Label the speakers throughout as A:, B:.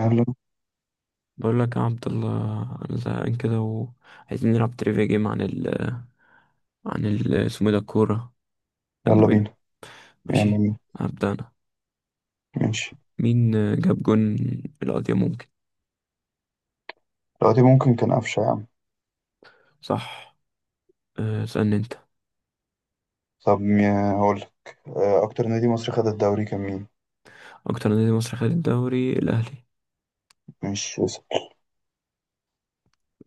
A: يلا
B: بقول لك يا عبد الله، انا زهقان كده وعايزين نلعب تريفيا جيم عن ال اسمه إيه ده الكورة. يلا
A: يلا
B: بينا.
A: بينا.
B: ماشي.
A: يعني،
B: هبدأ انا.
A: ماشي.
B: مين جاب جون؟ القضية ممكن.
A: دلوقتي ممكن كان قفشة يا عم.
B: صح. اسألني انت.
A: طب هقولك. أكتر نادي مصري خد الدوري كان مين؟
B: اكتر نادي مصري خد الدوري؟ الاهلي.
A: مش اسم.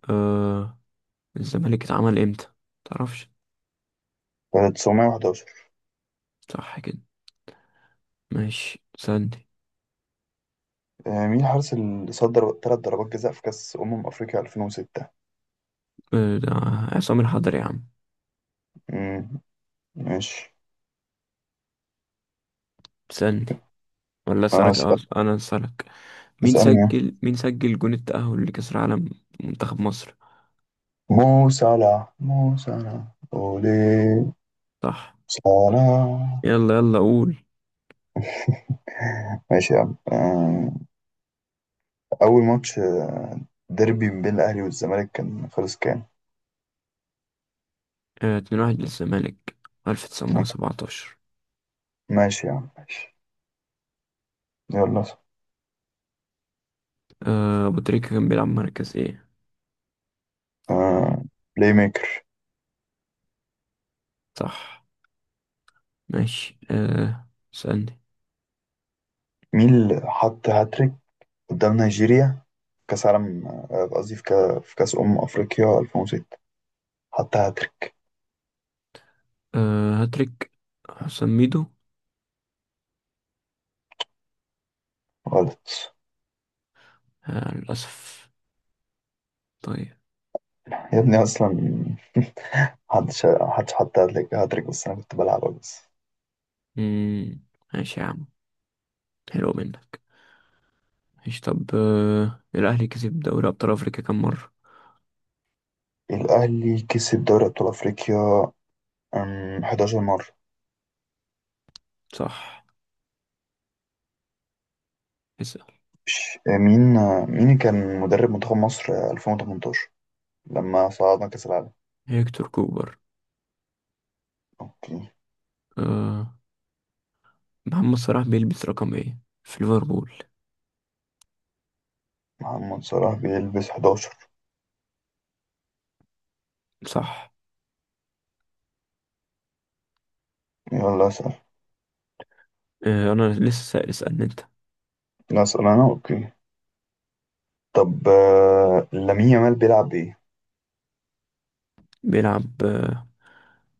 B: أه. الزمالك اتعمل امتى؟ متعرفش.
A: 911.
B: صح كده. ماشي اسألني.
A: مين الحارس اللي صدر 3 ضربات جزاء في كأس أمم أفريقيا 2006؟
B: ده عصام الحضري يا عم.
A: مم، ماشي.
B: اسألني ولا
A: آه،
B: اسألك؟
A: اس-
B: انا اسألك. مين
A: اسألني.
B: سجل مين سجل جون التأهل لكأس العالم؟ منتخب مصر.
A: مو صلاح أولي
B: صح.
A: صلاح.
B: يلا يلا قول.
A: ماشي يا عم. أول ماتش، ديربي بين الأهلي والزمالك كان خلص كام؟
B: 2-1 للزمالك. 1917.
A: ماشي يا عم، ماشي. يلا.
B: أبو تريكة كان بيلعب مركز ايه؟
A: آه بلاي ميكر.
B: صح. ماشي سألني.
A: مين اللي حط هاتريك قدام نيجيريا كأس عالم، قصدي في في كأس أمم أفريقيا 2006 حط هاتريك؟
B: هاتريك حسام ميدو.
A: غلط.
B: للأسف. طيب.
A: يا ابني أصلا محدش حط هاتريك بس أنا كنت بلعب بس.
B: مم. ماشي يا عم، حلو منك. ماشي طب الأهلي كسب دوري أبطال أفريقيا كام مرة؟
A: الأهلي كسب دوري أبطال أفريقيا 11 مرة.
B: صح. اسأل.
A: مين، مين كان مدرب منتخب مصر 2018 لما صعدنا كأس العالم؟
B: هيكتور كوبر.
A: أوكي.
B: أه. محمد صلاح بيلبس رقم ايه في ليفربول؟
A: محمد صلاح بيلبس 11.
B: صح.
A: يلا أسأل.
B: أنا لسه سائل، اسألني انت.
A: لا، أسأل أنا. أوكي. طب لامين يامال بيلعب ايه؟
B: بيلعب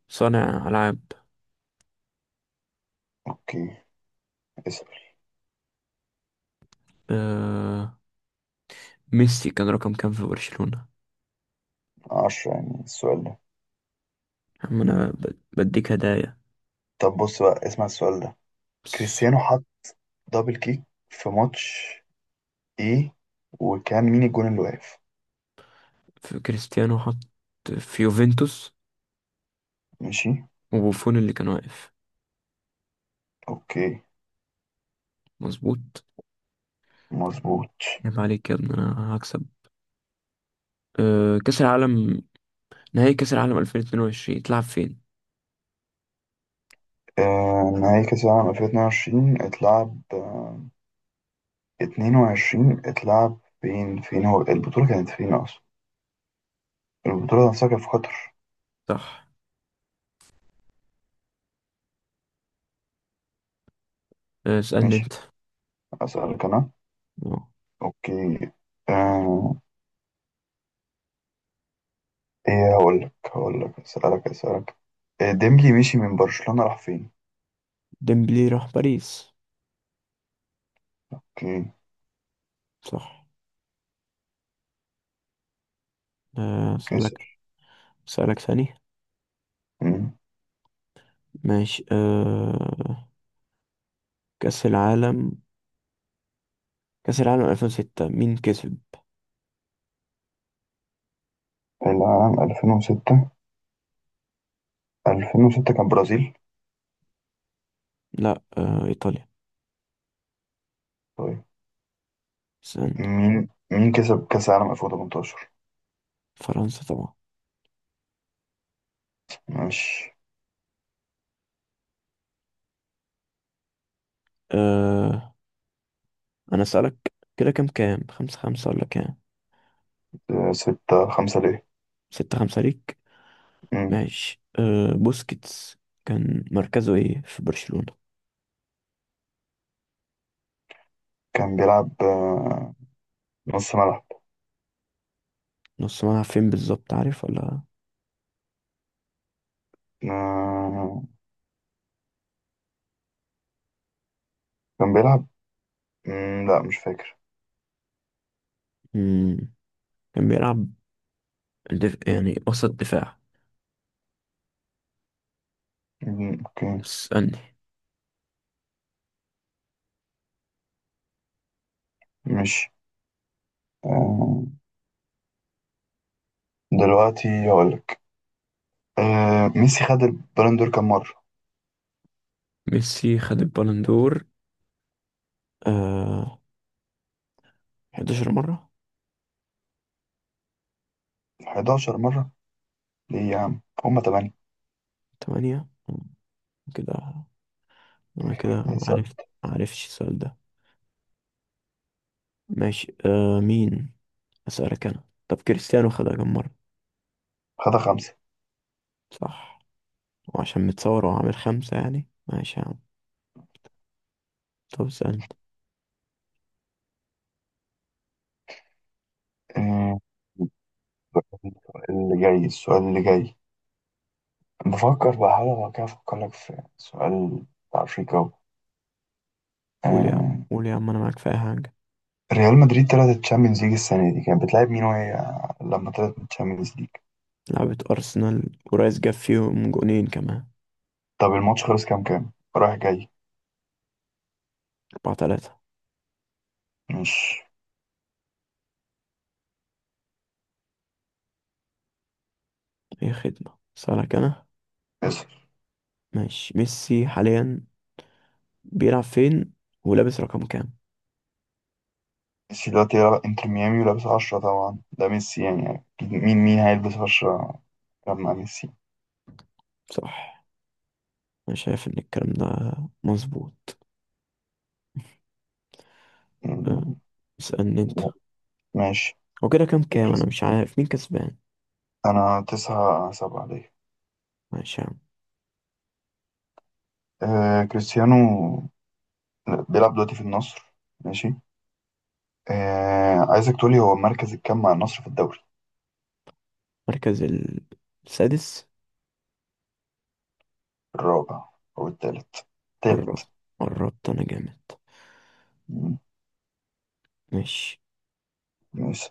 B: صانع ألعاب.
A: اوكي، اسأل.
B: آه... ميسي كان رقم كام في برشلونة؟
A: 10 يعني السؤال ده؟
B: يا عم أنا بديك هدايا
A: طب بص بقى، اسمع السؤال ده.
B: بس.
A: كريستيانو حط دبل كيك في ماتش ايه، وكان مين الجون اللي واقف؟
B: في كريستيانو حط في يوفنتوس
A: ماشي.
B: وبوفون اللي كان واقف.
A: اوكي.
B: مظبوط.
A: مظبوط.
B: عيب عليك يا ابني، أنا هكسب كأس العالم. نهائي كأس العالم 2022 تلعب فين؟
A: نهائي كأس العالم 2022 اتلعب، 22 اتلعب فين، فين هو البطولة كانت فين أصلا؟ البطولة نفسها كانت في قطر.
B: صح. اسألني
A: ماشي.
B: أنت.
A: أسألك أنا.
B: آه،
A: اوكي. آه، ايه، هقول لك، اسالك. إيه، ديمبلي مشي من برشلونة راح فين؟
B: ديمبلي راح باريس.
A: امم
B: صح.
A: نسر.
B: أسألك. أسألك ثاني.
A: امم
B: ماشي كأس العالم كأس العالم 2006 مين كسب؟
A: العام 2006 كان برازيل.
B: لا، إيطاليا.
A: طيب.
B: استنى.
A: مين كسب كأس العالم 2018؟
B: فرنسا طبعا.
A: ماشي.
B: آه. أنا أسألك كده، كام 5-5 ولا كام؟
A: 6-5 ليه؟
B: 6-5 ليك.
A: امم
B: ماشي بوسكيتس كان مركزه إيه في برشلونة؟
A: كان بيلعب نص ملعب.
B: نص ملعب. فين بالظبط، عارف ولا؟
A: آه، كان بيلعب. مم، لا مش فاكر.
B: مم. كان بيلعب يعني وسط دفاع.
A: مم، اوكي.
B: استنى.
A: مش. آه، دلوقتي هقول لك. ميسي خد البالون دور كام مرة؟
B: ميسي خد البالون دور آه 11 مرة.
A: 11 مرة؟ ليه يا عم، هما 8.
B: 8 كده. أنا كده ما
A: اسأل.
B: عرفت. ما عرفتش السؤال ده. ماشي مين. أسألك أنا، طب كريستيانو خدها كم مرة؟
A: خدها 5.
B: صح. وعشان متصور وعامل خمسة يعني، ماشي يا عم. طب اسألني.
A: آه، اللي جاي السؤال اللي جاي. بفكر بقى حاجة، لو كده أفكر لك في سؤال بتاع أفريقيا أهو.
B: قول يا عم
A: آه،
B: قول يا عم أنا معاك في أي حاجة.
A: ريال مدريد طلعت الشامبيونز ليج السنة دي كانت بتلعب مين، وهي لما طلعت من الشامبيونز ليج؟
B: لعبة أرسنال ورايس جاب فيهم جونين كمان.
A: طب الماتش خلص كام كام رايح جاي؟
B: 4-3.
A: مش.
B: أي خدمة. اسألك أنا.
A: اسف.
B: ماشي. ميسي حاليا بيلعب فين ولابس رقم كام؟
A: ميسي دلوقتي يلعب انتر ميامي ولابس 10، طبعا ده ميسي يعني، أكيد مين مين هيلبس 10 لما ميسي.
B: صح. أنا شايف إن الكلام ده مظبوط. أه،
A: مم،
B: اسألني أنت.
A: ماشي.
B: هو كده كام أنا
A: كريس-
B: مش عارف مين كسبان.
A: أنا 9-7.
B: ماشي يا عم.
A: كريستيانو بيلعب دلوقتي في النصر. ماشي. عايزك تقولي هو مركز الكام مع النصر في الدوري.
B: مركز السادس.
A: الرابع أو التالت، التالت.
B: قربت قربت، أنا جامد.
A: مم،
B: ماشي.
A: ماشي.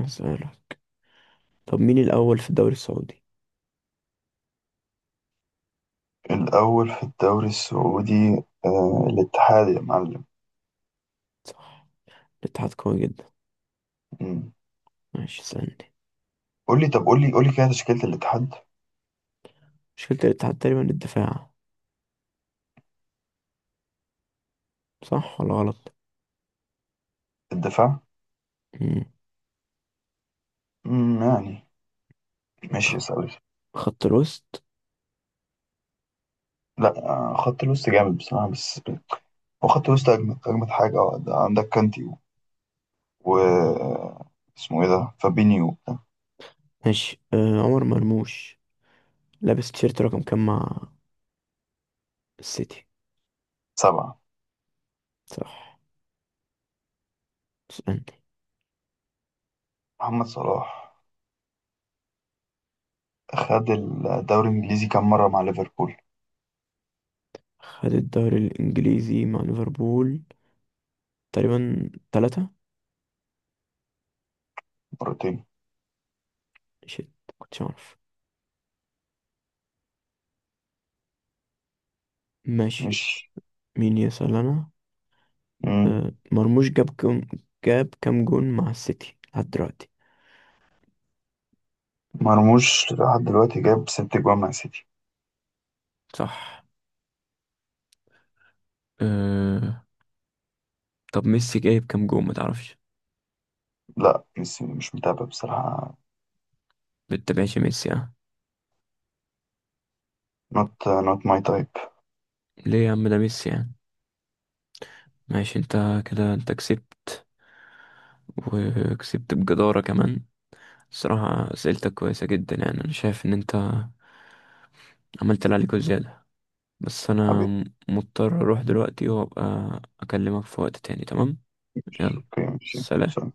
B: أسألك، طب مين الأول في الدوري السعودي؟
A: الأول في الدوري السعودي الاتحاد يا معلم.
B: صح. الاتحاد قوي جدا.
A: مم.
B: ماشي اسألني.
A: قولي. طب، قولي كده تشكيلة الاتحاد.
B: مشكلة الاتحاد تقريبا الدفاع. صح ولا غلط؟
A: الدفاع.
B: مم.
A: مم، يعني ماشي يا
B: خ-
A: سوري.
B: خط الوسط.
A: لا، خط الوسط جامد بصراحة، بس هو خط الوسط أجمد أجمد حاجة. ده عندك كانتي و اسمه إيه ده فابينيو.
B: ماشي عمر مرموش لابس تيشيرت رقم كام مع السيتي؟
A: 7.
B: صح. اسألني.
A: محمد صلاح خد الدوري الإنجليزي كام مرة مع ليفربول؟
B: خد الدوري الإنجليزي مع ليفربول تقريبا تلاتة.
A: مرتين.
B: شيت. كنتش أعرف. ماشي.
A: مش.
B: مين يسأل أنا؟
A: مم.
B: مرموش جاب كام جون مع السيتي لحد دلوقتي؟
A: مرموش لحد دلوقتي جاب 6 جوان مع سيتي.
B: صح. أه... طب ميسي جايب كام جون، ما تعرفش؟
A: لا، مش متابع بصراحة.
B: بتتابعش ميسي يعني؟
A: not not my type.
B: ليه يا عم، ده ميسي يعني. ماشي انت، كده انت كسبت، وكسبت بجدارة كمان. الصراحة أسئلتك كويسة جدا، يعني أنا شايف إن أنت عملت اللي عليك وزيادة. بس أنا
A: حبيبي.
B: مضطر أروح دلوقتي وأبقى أكلمك في وقت تاني. تمام.
A: مش
B: يلا.
A: اوكي. مش
B: سلام.